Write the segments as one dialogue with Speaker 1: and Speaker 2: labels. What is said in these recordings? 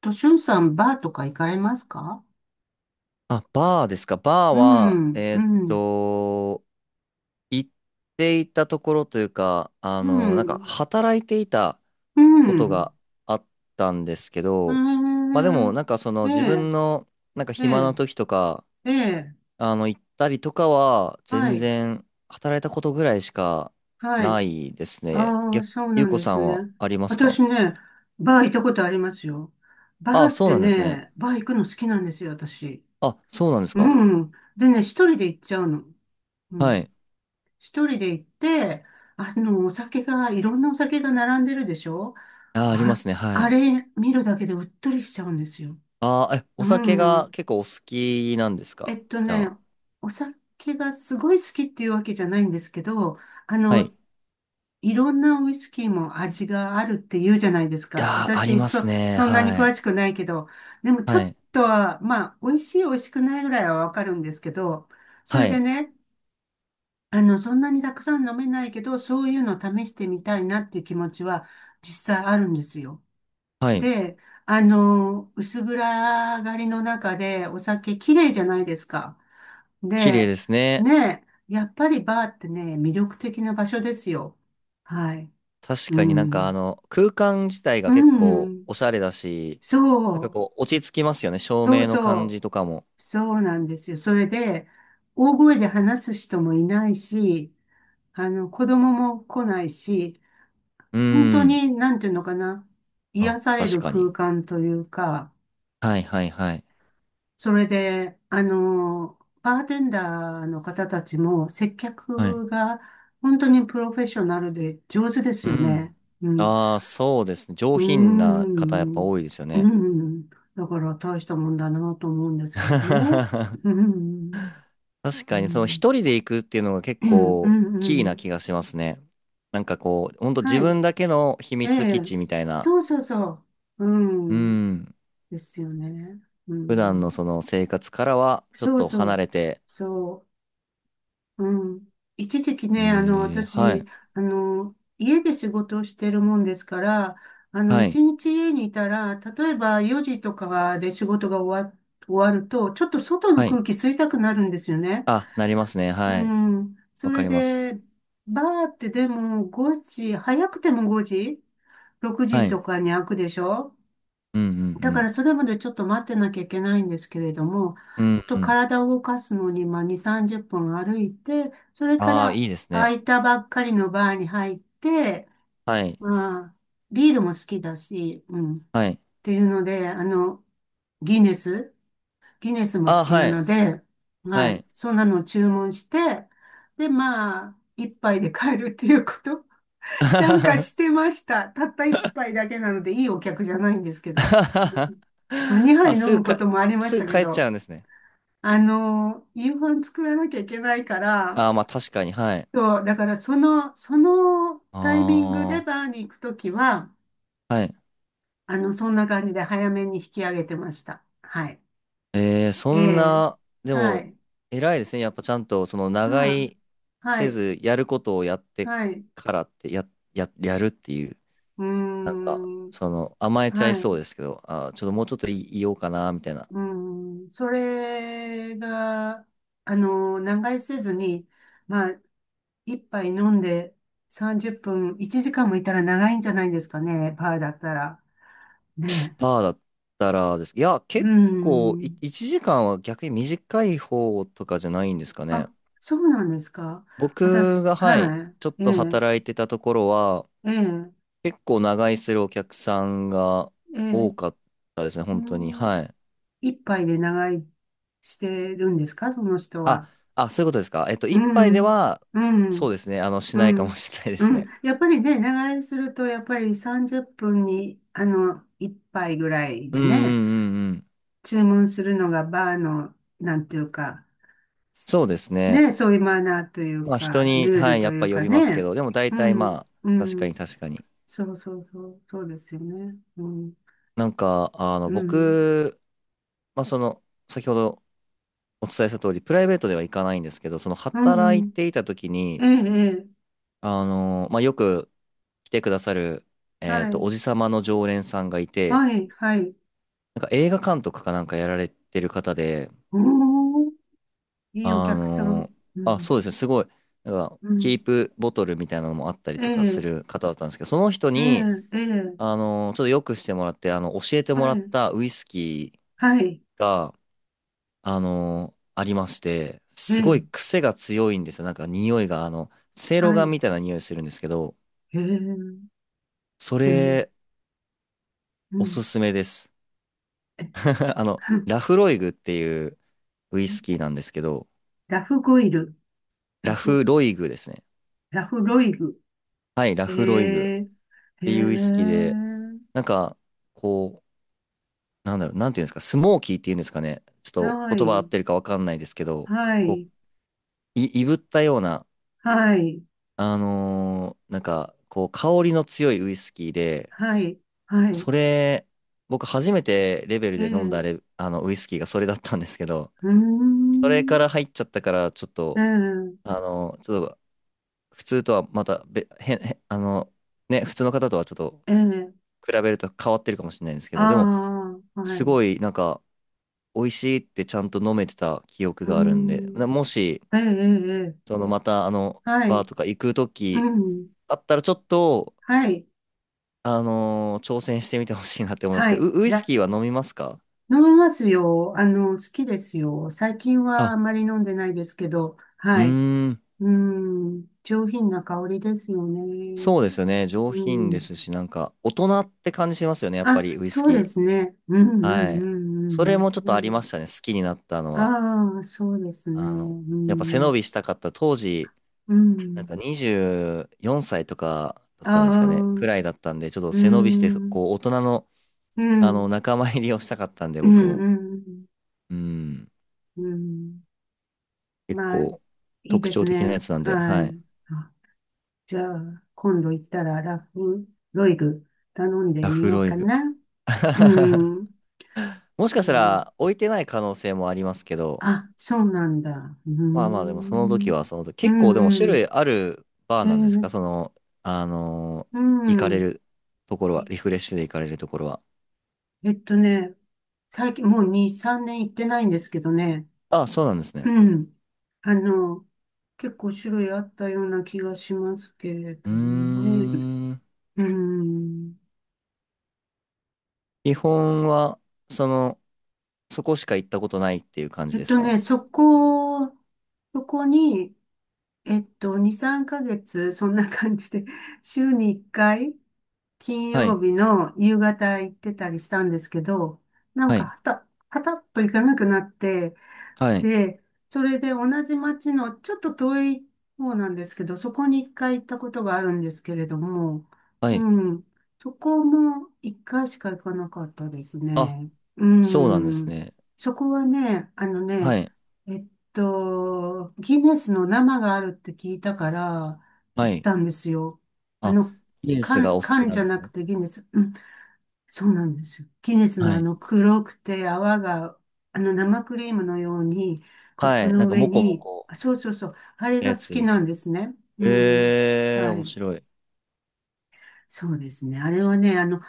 Speaker 1: と、しゅんさん、バーとか行かれますか？
Speaker 2: あ、バーですか。バー
Speaker 1: う
Speaker 2: は、
Speaker 1: ん、うん、
Speaker 2: 行っていたところというか、あ
Speaker 1: う
Speaker 2: の、なんか
Speaker 1: ん、
Speaker 2: 働いていたことがあったんですけ
Speaker 1: う
Speaker 2: ど、まあでも、
Speaker 1: ん。
Speaker 2: なんかその
Speaker 1: え
Speaker 2: 自
Speaker 1: え、
Speaker 2: 分の、なんか
Speaker 1: え
Speaker 2: 暇な
Speaker 1: え、
Speaker 2: 時とか、
Speaker 1: ええ、ええ。
Speaker 2: あの、行ったりとかは、
Speaker 1: は
Speaker 2: 全
Speaker 1: い、
Speaker 2: 然働いたことぐらいしか
Speaker 1: は
Speaker 2: な
Speaker 1: い。
Speaker 2: いですね。
Speaker 1: ああ、
Speaker 2: 逆、
Speaker 1: そうな
Speaker 2: ゆう
Speaker 1: ん
Speaker 2: こ
Speaker 1: で
Speaker 2: さ
Speaker 1: す
Speaker 2: ん
Speaker 1: ね。
Speaker 2: はありますか？
Speaker 1: 私ね、バー行ったことありますよ。バー
Speaker 2: あ、
Speaker 1: っ
Speaker 2: そう
Speaker 1: て
Speaker 2: なんですね。
Speaker 1: ね、バー行くの好きなんですよ、私。
Speaker 2: あ、そうなんです
Speaker 1: う
Speaker 2: か。
Speaker 1: ん。でね、一人で行っちゃうの。う
Speaker 2: は
Speaker 1: ん。
Speaker 2: い。
Speaker 1: 一人で行って、お酒が、いろんなお酒が並んでるでしょ？
Speaker 2: あ、ありま
Speaker 1: あ、
Speaker 2: すね。は
Speaker 1: あ
Speaker 2: い。
Speaker 1: れ見るだけでうっとりしちゃうんですよ。
Speaker 2: ああ、え、お
Speaker 1: う
Speaker 2: 酒が
Speaker 1: ん。
Speaker 2: 結構お好きなんです
Speaker 1: え
Speaker 2: か？
Speaker 1: っと
Speaker 2: じゃ
Speaker 1: ね、
Speaker 2: あ。
Speaker 1: お酒がすごい好きっていうわけじゃないんですけど、あ
Speaker 2: はい。
Speaker 1: の、
Speaker 2: い
Speaker 1: いろんなウイスキーも味があるって言うじゃないですか。
Speaker 2: やー、あり
Speaker 1: 私、
Speaker 2: ます
Speaker 1: そ、
Speaker 2: ね。
Speaker 1: そんなに
Speaker 2: は
Speaker 1: 詳
Speaker 2: い。
Speaker 1: しくないけど、でもちょ
Speaker 2: は
Speaker 1: っ
Speaker 2: い。
Speaker 1: とは、まあ、美味しい美味しくないぐらいはわかるんですけど、そ
Speaker 2: は
Speaker 1: れで
Speaker 2: い。
Speaker 1: ね、そんなにたくさん飲めないけど、そういうの試してみたいなっていう気持ちは実際あるんですよ。
Speaker 2: はい。
Speaker 1: で、薄暗がりの中でお酒綺麗じゃないですか。
Speaker 2: 綺麗
Speaker 1: で、
Speaker 2: ですね。
Speaker 1: ねやっぱりバーってね、魅力的な場所ですよ。はい。
Speaker 2: 確
Speaker 1: う
Speaker 2: かになんかあ
Speaker 1: ん。
Speaker 2: の、空間自体が
Speaker 1: う
Speaker 2: 結構
Speaker 1: ん。
Speaker 2: おしゃれだし、なん
Speaker 1: そ
Speaker 2: か
Speaker 1: う。
Speaker 2: こう、落ち着きますよね。照
Speaker 1: そ
Speaker 2: 明
Speaker 1: う
Speaker 2: の
Speaker 1: そ
Speaker 2: 感じと
Speaker 1: う。
Speaker 2: かも。
Speaker 1: そうなんですよ。それで、大声で話す人もいないし、子供も来ないし、
Speaker 2: うー
Speaker 1: 本当
Speaker 2: ん。
Speaker 1: に、なんていうのかな、癒
Speaker 2: あ、
Speaker 1: され
Speaker 2: 確
Speaker 1: る
Speaker 2: かに。
Speaker 1: 空間というか、
Speaker 2: はいはいはい。
Speaker 1: それで、バーテンダーの方たちも接
Speaker 2: はい。
Speaker 1: 客が本当にプロフェッショナルで上手です
Speaker 2: う
Speaker 1: よね。
Speaker 2: ん。
Speaker 1: うん。
Speaker 2: ああ、そうですね。上
Speaker 1: うー
Speaker 2: 品な方やっぱ
Speaker 1: ん。
Speaker 2: 多いですよ
Speaker 1: う
Speaker 2: ね。
Speaker 1: ん。だから大したもんだなと思うんですけどね。うん。
Speaker 2: 確
Speaker 1: う
Speaker 2: かに、その
Speaker 1: ん。
Speaker 2: 一人で行くっていうのが結
Speaker 1: うん。う
Speaker 2: 構キーな
Speaker 1: ん。
Speaker 2: 気がしますね。なんかこう、ほんと自
Speaker 1: はい。
Speaker 2: 分だけの秘
Speaker 1: え
Speaker 2: 密基
Speaker 1: え。
Speaker 2: 地みたいな、
Speaker 1: そうそうそう。
Speaker 2: う
Speaker 1: うん。
Speaker 2: ん、
Speaker 1: ですよね。う
Speaker 2: 普段の
Speaker 1: ん。
Speaker 2: その生活からはちょっ
Speaker 1: そう
Speaker 2: と
Speaker 1: そ
Speaker 2: 離
Speaker 1: う。
Speaker 2: れて、
Speaker 1: そう。うん。一時期ね、
Speaker 2: えー、は
Speaker 1: 私、
Speaker 2: い、
Speaker 1: 家で仕事をしてるもんですから、
Speaker 2: はい、
Speaker 1: 一日家にいたら、例えば4時とかで仕事が終わると、ちょっと外の
Speaker 2: はい。
Speaker 1: 空気吸いたくなるんですよね。
Speaker 2: あ、なりますね。
Speaker 1: う
Speaker 2: はい。
Speaker 1: ん。そ
Speaker 2: わか
Speaker 1: れ
Speaker 2: ります。
Speaker 1: で、バーってでも5時、早くても5時、6
Speaker 2: は
Speaker 1: 時
Speaker 2: い。
Speaker 1: とかに開くでしょ？
Speaker 2: うんう
Speaker 1: だか
Speaker 2: ん
Speaker 1: らそれまでちょっと待ってなきゃいけないんですけれども、
Speaker 2: うん。う
Speaker 1: ちょっ
Speaker 2: んう
Speaker 1: と
Speaker 2: ん。
Speaker 1: 体を動かすのに、まあ、2、30分歩いて、それか
Speaker 2: ああ、
Speaker 1: ら
Speaker 2: いいです
Speaker 1: 空
Speaker 2: ね。
Speaker 1: いたばっかりのバーに入って、
Speaker 2: はい、
Speaker 1: まあ、ビールも好きだし、うん、っ
Speaker 2: はい。
Speaker 1: ていうので、ギネス、ギネスも好
Speaker 2: ああ、
Speaker 1: きな
Speaker 2: はい、
Speaker 1: ので、
Speaker 2: は
Speaker 1: はい、
Speaker 2: い。
Speaker 1: そんなのを注文して、で、まあ、一杯で帰るっていうこと、なんかしてました。たった一杯だけなので、いいお客じゃないんですけど。まあ、2杯
Speaker 2: あ、
Speaker 1: 飲むこともありまし
Speaker 2: す
Speaker 1: た
Speaker 2: ぐ
Speaker 1: け
Speaker 2: 帰っち
Speaker 1: ど、
Speaker 2: ゃうんですね。
Speaker 1: 夕飯作らなきゃいけないから、
Speaker 2: ああ、まあ確かに、はい。
Speaker 1: そう、だからその
Speaker 2: あ
Speaker 1: タイミングでバーに行くときは、
Speaker 2: あ、はい。
Speaker 1: そんな感じで早めに引き上げてました。はい。
Speaker 2: えー、そ
Speaker 1: え
Speaker 2: ん
Speaker 1: え、
Speaker 2: な、で
Speaker 1: は
Speaker 2: も、
Speaker 1: い。
Speaker 2: 偉いですね。やっぱちゃんと、その、長居
Speaker 1: ああ、は
Speaker 2: せ
Speaker 1: い。
Speaker 2: ず、やることをやって
Speaker 1: はい。
Speaker 2: からって、やるっていう、
Speaker 1: う
Speaker 2: なんか、
Speaker 1: ーん。
Speaker 2: その、甘えちゃい
Speaker 1: は
Speaker 2: そう
Speaker 1: い。
Speaker 2: ですけど、ちょっともうちょっといようかな、みたいな。
Speaker 1: うん、それが、長居せずに、まあ、一杯飲んで30分、1時間もいたら長いんじゃないんですかね、パーだったら。ねえ。
Speaker 2: パーだったらです。いや、
Speaker 1: う
Speaker 2: 結構、
Speaker 1: ん。
Speaker 2: 1時間は逆に短い方とかじゃないんですかね。
Speaker 1: あ、そうなんですか。
Speaker 2: 僕
Speaker 1: 私、
Speaker 2: が、はい、
Speaker 1: は
Speaker 2: ちょっ
Speaker 1: い。え
Speaker 2: と
Speaker 1: え、
Speaker 2: 働いてたところは、
Speaker 1: ええ、
Speaker 2: 結構長居するお客さんが
Speaker 1: ええ。
Speaker 2: 多かったですね、
Speaker 1: う
Speaker 2: 本当に。は
Speaker 1: ん、
Speaker 2: い。
Speaker 1: 一杯で長居してるんですか、その人
Speaker 2: あ、
Speaker 1: は。
Speaker 2: あ、そういうことですか。
Speaker 1: う
Speaker 2: 一杯で
Speaker 1: ん、
Speaker 2: は、
Speaker 1: う
Speaker 2: そ
Speaker 1: ん。
Speaker 2: うですね、あの、し
Speaker 1: う
Speaker 2: ないかも
Speaker 1: ん。
Speaker 2: しれないで
Speaker 1: う
Speaker 2: す
Speaker 1: ん。
Speaker 2: ね。
Speaker 1: やっぱりね、長居すると、やっぱり30分に、1杯ぐらい
Speaker 2: うん
Speaker 1: で
Speaker 2: う
Speaker 1: ね、
Speaker 2: んうんうん。
Speaker 1: 注文するのがバーの、なんていうか、
Speaker 2: そうですね。
Speaker 1: ね、そういうマナーという
Speaker 2: まあ、人
Speaker 1: か、
Speaker 2: に、
Speaker 1: ルー
Speaker 2: は
Speaker 1: ル
Speaker 2: い、や
Speaker 1: と
Speaker 2: っ
Speaker 1: い
Speaker 2: ぱ
Speaker 1: う
Speaker 2: よ
Speaker 1: か
Speaker 2: りますけ
Speaker 1: ね。
Speaker 2: ど、でも大
Speaker 1: う
Speaker 2: 体
Speaker 1: ん。
Speaker 2: まあ、
Speaker 1: う
Speaker 2: 確かに
Speaker 1: ん。
Speaker 2: 確かに。
Speaker 1: そうそうそう。そうですよね。うん。
Speaker 2: なんか、あの、
Speaker 1: うん。
Speaker 2: 僕、まあ、その、先ほどお伝えした通り、プライベートでは行かないんですけど、その、
Speaker 1: う
Speaker 2: 働い
Speaker 1: ん。
Speaker 2: ていた時
Speaker 1: え
Speaker 2: に、
Speaker 1: え、ええ。
Speaker 2: あの、まあ、よく来てくださる、
Speaker 1: は
Speaker 2: お
Speaker 1: い。
Speaker 2: じさまの常連さんがいて、
Speaker 1: はい、はい。
Speaker 2: なんか映画監督かなんかやられてる方で、
Speaker 1: おー、いいお
Speaker 2: あ
Speaker 1: 客さん。
Speaker 2: の
Speaker 1: う
Speaker 2: あ、
Speaker 1: ん。
Speaker 2: そうですね、すごい、なんか、
Speaker 1: う
Speaker 2: キ
Speaker 1: ん。
Speaker 2: ープボトルみたいなのもあったり
Speaker 1: え
Speaker 2: とかす
Speaker 1: え、
Speaker 2: る方だったんですけど、その人
Speaker 1: え
Speaker 2: に、
Speaker 1: え、ええ。
Speaker 2: あのちょっとよくしてもらって、あの、教えてもら
Speaker 1: は
Speaker 2: っ
Speaker 1: い。
Speaker 2: たウイスキ
Speaker 1: はい。
Speaker 2: ーが、あのありまして、
Speaker 1: え
Speaker 2: すご
Speaker 1: え、
Speaker 2: い癖が強いんですよ。なんか匂いが、あの、せいろ
Speaker 1: は
Speaker 2: ガン
Speaker 1: い。
Speaker 2: みたいな匂いするんですけど、
Speaker 1: ええ、う
Speaker 2: そ
Speaker 1: ん、
Speaker 2: れ、
Speaker 1: う
Speaker 2: お
Speaker 1: ん。
Speaker 2: すすめです。
Speaker 1: え、
Speaker 2: あ の、
Speaker 1: はん
Speaker 2: ラフロイグっていうウイス
Speaker 1: え
Speaker 2: キーなんですけど、
Speaker 1: ラフゴイル、ラ
Speaker 2: ラ
Speaker 1: フ、
Speaker 2: フロイグですね。
Speaker 1: ラフロイグ。
Speaker 2: はい、ラ
Speaker 1: え
Speaker 2: フロイグ。っ
Speaker 1: え、ええ、
Speaker 2: ていうウイスキーで、なんか、こう、なんだろう、なんていうんですか、スモーキーっていうんですかね。ち
Speaker 1: は
Speaker 2: ょっと言葉合っ
Speaker 1: い、
Speaker 2: てるかわかんないですけど、
Speaker 1: は
Speaker 2: こ
Speaker 1: い、
Speaker 2: う、いぶったような、
Speaker 1: はい、
Speaker 2: なんか、こう、香りの強いウイスキーで、
Speaker 1: はい、はい。
Speaker 2: それ、僕初めてレベル
Speaker 1: え
Speaker 2: で
Speaker 1: え、
Speaker 2: 飲んだ
Speaker 1: う
Speaker 2: レ、あの、ウイスキーがそれだったんですけど、
Speaker 1: ー
Speaker 2: それか
Speaker 1: ん、
Speaker 2: ら入っちゃったから、ちょっ
Speaker 1: え
Speaker 2: と、
Speaker 1: え、
Speaker 2: ちょっと、普通とはまたべ、変、へんあの、ね、普通の方とはちょっと
Speaker 1: ええ、
Speaker 2: 比べると変わってるかもしれないんですけ
Speaker 1: あ
Speaker 2: ど、でも、
Speaker 1: あ、は
Speaker 2: す
Speaker 1: い、
Speaker 2: ご
Speaker 1: う
Speaker 2: い、なんか、美味しいってちゃんと飲めてた記憶
Speaker 1: ー
Speaker 2: があるんで、な
Speaker 1: ん、
Speaker 2: もし、
Speaker 1: ええ、ええ、ええ。
Speaker 2: そのまたあの、
Speaker 1: は
Speaker 2: バ
Speaker 1: い、
Speaker 2: ーとか行くと
Speaker 1: う
Speaker 2: き
Speaker 1: ん、
Speaker 2: あったらちょっと、
Speaker 1: はい、
Speaker 2: 挑戦してみてほしいなって思うんです
Speaker 1: は
Speaker 2: けど、
Speaker 1: い。
Speaker 2: ウ、ウイスキーは飲みますか？
Speaker 1: 飲みますよ。好きですよ。最近はあ
Speaker 2: あ、
Speaker 1: まり飲んでないですけど、
Speaker 2: うー
Speaker 1: はい。
Speaker 2: ん、
Speaker 1: うん、上品な香りですよね。
Speaker 2: そうですよね。上
Speaker 1: う
Speaker 2: 品で
Speaker 1: ん。
Speaker 2: すし、なんか、大人って感じしますよね、やっぱり
Speaker 1: あ、
Speaker 2: ウイス
Speaker 1: そうで
Speaker 2: キ
Speaker 1: すね。うん
Speaker 2: ー。
Speaker 1: う
Speaker 2: はい。
Speaker 1: んう
Speaker 2: それ
Speaker 1: ん
Speaker 2: もちょっ
Speaker 1: うん
Speaker 2: と
Speaker 1: う
Speaker 2: ありま
Speaker 1: ん。
Speaker 2: したね、好きになったのは。
Speaker 1: ああそうですね。う
Speaker 2: あの、やっぱ背伸
Speaker 1: ん。
Speaker 2: びしたかった当時、
Speaker 1: う
Speaker 2: なん
Speaker 1: ん。
Speaker 2: か24歳とかだっ
Speaker 1: あ
Speaker 2: たんです
Speaker 1: あ、
Speaker 2: か
Speaker 1: う
Speaker 2: ね、く
Speaker 1: ん。
Speaker 2: らいだったんで、ちょっと
Speaker 1: う
Speaker 2: 背伸びして、
Speaker 1: ん。
Speaker 2: こう、大人の、
Speaker 1: う
Speaker 2: あの、
Speaker 1: ん。
Speaker 2: 仲間入りをしたかったんで、
Speaker 1: う
Speaker 2: 僕も。
Speaker 1: ん。
Speaker 2: うん。
Speaker 1: うん。
Speaker 2: 結
Speaker 1: まあ、
Speaker 2: 構、
Speaker 1: いい
Speaker 2: 特
Speaker 1: で
Speaker 2: 徴
Speaker 1: す
Speaker 2: 的
Speaker 1: ね。
Speaker 2: なやつなんで、
Speaker 1: は
Speaker 2: はい。
Speaker 1: い。じゃあ、今度行ったらラフンロイグ頼んで
Speaker 2: ラ
Speaker 1: み
Speaker 2: フ
Speaker 1: よう
Speaker 2: ロイ
Speaker 1: か
Speaker 2: グ。
Speaker 1: な。う ん。
Speaker 2: もし
Speaker 1: そ
Speaker 2: かした
Speaker 1: う。
Speaker 2: ら、置いてない可能性もありますけど、
Speaker 1: あ、そうなんだ。うー
Speaker 2: まあまあ、でも、その時
Speaker 1: ん。
Speaker 2: は、その時、
Speaker 1: う
Speaker 2: 結構、でも、種
Speaker 1: んうん。
Speaker 2: 類あるバー
Speaker 1: え
Speaker 2: なんですか？そ
Speaker 1: ー
Speaker 2: の、あのー
Speaker 1: う
Speaker 2: 行かれ
Speaker 1: ん。
Speaker 2: るところは、
Speaker 1: え
Speaker 2: リフレッシュで行かれるところは。
Speaker 1: えっとね、最近もう2、3年行ってないんですけどね。
Speaker 2: あ、そうなんですね。
Speaker 1: うん。あの、結構種類あったような気がしますけれ
Speaker 2: う
Speaker 1: ども
Speaker 2: ー
Speaker 1: ね。
Speaker 2: ん。
Speaker 1: うん。
Speaker 2: 基本は、その、そこしか行ったことないっていう感じ
Speaker 1: えっ
Speaker 2: です
Speaker 1: と
Speaker 2: か？
Speaker 1: ね、そこ、そこに、2、3ヶ月、そんな感じで、週に1回、金
Speaker 2: はい。
Speaker 1: 曜日の夕方行ってたりしたんですけど、なん
Speaker 2: は
Speaker 1: か
Speaker 2: い。
Speaker 1: はたっと行かなくなって、
Speaker 2: はい。
Speaker 1: で、それで同じ町のちょっと遠い方なんですけど、そこに一回行ったことがあるんですけれども、
Speaker 2: は
Speaker 1: う
Speaker 2: い。
Speaker 1: ん、そこも一回しか行かなかったです
Speaker 2: あ
Speaker 1: ね。う
Speaker 2: そうなんです
Speaker 1: ん、
Speaker 2: ね。
Speaker 1: そこはね、
Speaker 2: はい。
Speaker 1: えっギネスの生があるって聞いたから
Speaker 2: は
Speaker 1: 行っ
Speaker 2: い。
Speaker 1: たんですよ。あ
Speaker 2: あ、
Speaker 1: の、
Speaker 2: リンスが
Speaker 1: 缶、
Speaker 2: お好き
Speaker 1: 缶
Speaker 2: な
Speaker 1: じ
Speaker 2: ん
Speaker 1: ゃ
Speaker 2: で
Speaker 1: な
Speaker 2: す
Speaker 1: く
Speaker 2: ね。
Speaker 1: てギネス。そうなんですよ。ギネスの
Speaker 2: は
Speaker 1: あ
Speaker 2: い。
Speaker 1: の黒くて泡が、あの生クリームのようにコッ
Speaker 2: は
Speaker 1: プ
Speaker 2: い。な
Speaker 1: の
Speaker 2: んか、
Speaker 1: 上
Speaker 2: もこも
Speaker 1: に、
Speaker 2: こ
Speaker 1: あそうそうそう、あ
Speaker 2: し
Speaker 1: れ
Speaker 2: た
Speaker 1: が
Speaker 2: や
Speaker 1: 好き
Speaker 2: つ。
Speaker 1: なんですね。うん。
Speaker 2: えー、
Speaker 1: は
Speaker 2: 面
Speaker 1: い。
Speaker 2: 白い。
Speaker 1: そうですね。あれはね、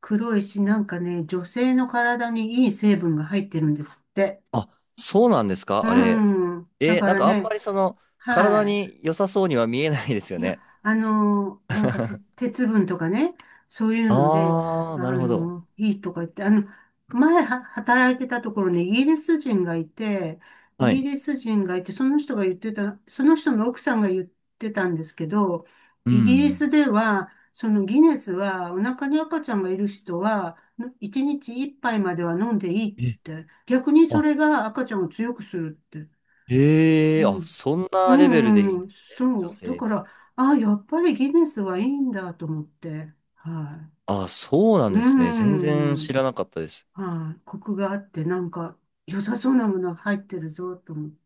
Speaker 1: 黒いし、なんかね、女性の体にいい成分が入ってるんですって。
Speaker 2: あ、そうなんですか？あれ。
Speaker 1: うん。だ
Speaker 2: えー、
Speaker 1: か
Speaker 2: なん
Speaker 1: ら
Speaker 2: かあん
Speaker 1: ね、
Speaker 2: まりその、体
Speaker 1: はい。
Speaker 2: に良さそうには見えないですよ
Speaker 1: いや、
Speaker 2: ね。
Speaker 1: なんかて、鉄分とかね、そういうので、
Speaker 2: あー、なるほど。
Speaker 1: いいとか言って、前は働いてたところにイギリス人がいて、イ
Speaker 2: は
Speaker 1: ギ
Speaker 2: い。
Speaker 1: リス人がいて、その人が言ってた、その人の奥さんが言ってたんですけど、
Speaker 2: う
Speaker 1: イギリ
Speaker 2: ん。
Speaker 1: スでは、そのギネスは、お腹に赤ちゃんがいる人は、1日1杯までは飲んでいいっ
Speaker 2: え、
Speaker 1: て、逆にそ
Speaker 2: あ、
Speaker 1: れが赤ちゃんを強くするって。う
Speaker 2: へえ、あ、
Speaker 1: ん
Speaker 2: そん
Speaker 1: う
Speaker 2: なレベルでいい
Speaker 1: ん
Speaker 2: ん
Speaker 1: う
Speaker 2: で
Speaker 1: ん、
Speaker 2: すね。女
Speaker 1: そう。だ
Speaker 2: 性
Speaker 1: か
Speaker 2: に。
Speaker 1: ら、あ、やっぱりギネスはいいんだと思って。は
Speaker 2: あ、そうなん
Speaker 1: い。う
Speaker 2: ですね。全然
Speaker 1: ん。
Speaker 2: 知らなかったです。
Speaker 1: はい。コクがあって、なんか、良さそうなものが入ってるぞ、と思って。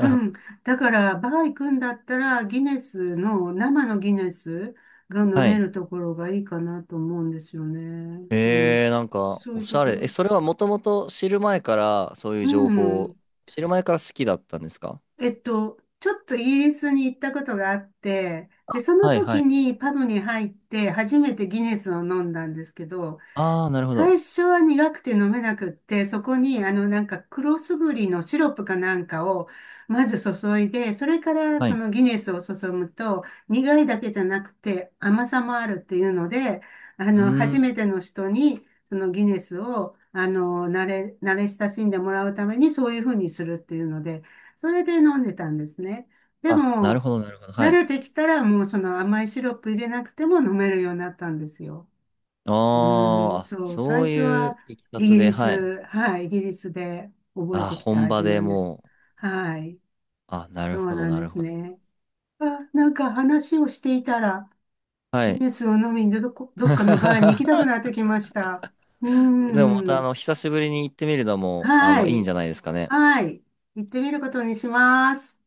Speaker 1: う ん。だから、バー行くんだったら、ギネスの、生のギネスが飲
Speaker 2: は
Speaker 1: め
Speaker 2: い。
Speaker 1: るところがいいかなと思うんですよね。うん。
Speaker 2: えー、なんか、
Speaker 1: そう
Speaker 2: お
Speaker 1: いう
Speaker 2: し
Speaker 1: と
Speaker 2: ゃ
Speaker 1: こ
Speaker 2: れ。え、
Speaker 1: ろ。
Speaker 2: それはもともと知る前から、そういう
Speaker 1: う
Speaker 2: 情報
Speaker 1: ん。
Speaker 2: を、知る前から好きだったんですか？
Speaker 1: ちょっとイギリスに行ったことがあって、で、その
Speaker 2: はいは
Speaker 1: 時
Speaker 2: い。
Speaker 1: にパブに入って初めてギネスを飲んだんですけど、
Speaker 2: ああ、なるほ
Speaker 1: 最
Speaker 2: ど。
Speaker 1: 初は苦くて飲めなくって、そこになんか黒すぐりのシロップかなんかをまず注いで、それから
Speaker 2: はい。
Speaker 1: そ
Speaker 2: う
Speaker 1: のギネスを注ぐと苦いだけじゃなくて甘さもあるっていうので、
Speaker 2: ー
Speaker 1: 初
Speaker 2: ん。
Speaker 1: めての人にそのギネスを慣れ親しんでもらうためにそういうふうにするっていうので、それで飲んでたんですね。で
Speaker 2: あ、なる
Speaker 1: も、
Speaker 2: ほど、なるほど。は
Speaker 1: 慣
Speaker 2: い。
Speaker 1: れてきたらもうその甘いシロップ入れなくても飲めるようになったんですよ。
Speaker 2: あー
Speaker 1: うーん、
Speaker 2: あ、
Speaker 1: そう、最
Speaker 2: そう
Speaker 1: 初
Speaker 2: い
Speaker 1: は
Speaker 2: ういきさ
Speaker 1: イギ
Speaker 2: つで、
Speaker 1: リ
Speaker 2: はい。
Speaker 1: ス、はい、イギリスで覚え
Speaker 2: あ、
Speaker 1: てきた
Speaker 2: 本場
Speaker 1: 味
Speaker 2: で
Speaker 1: なんです。
Speaker 2: もう、
Speaker 1: はい、
Speaker 2: あ、なる
Speaker 1: そう
Speaker 2: ほど、
Speaker 1: なん
Speaker 2: な
Speaker 1: で
Speaker 2: る
Speaker 1: す
Speaker 2: ほど。
Speaker 1: ね。あ、なんか話をしていたら、
Speaker 2: は
Speaker 1: ギ
Speaker 2: い。
Speaker 1: ネスを飲みにどっかのバーに行きたく なってきました。うー
Speaker 2: でもまた、あ
Speaker 1: ん、
Speaker 2: の、久しぶりに行ってみるのも、あ
Speaker 1: は
Speaker 2: の、いいんじ
Speaker 1: い、
Speaker 2: ゃないですかね。
Speaker 1: はい、行ってみることにします。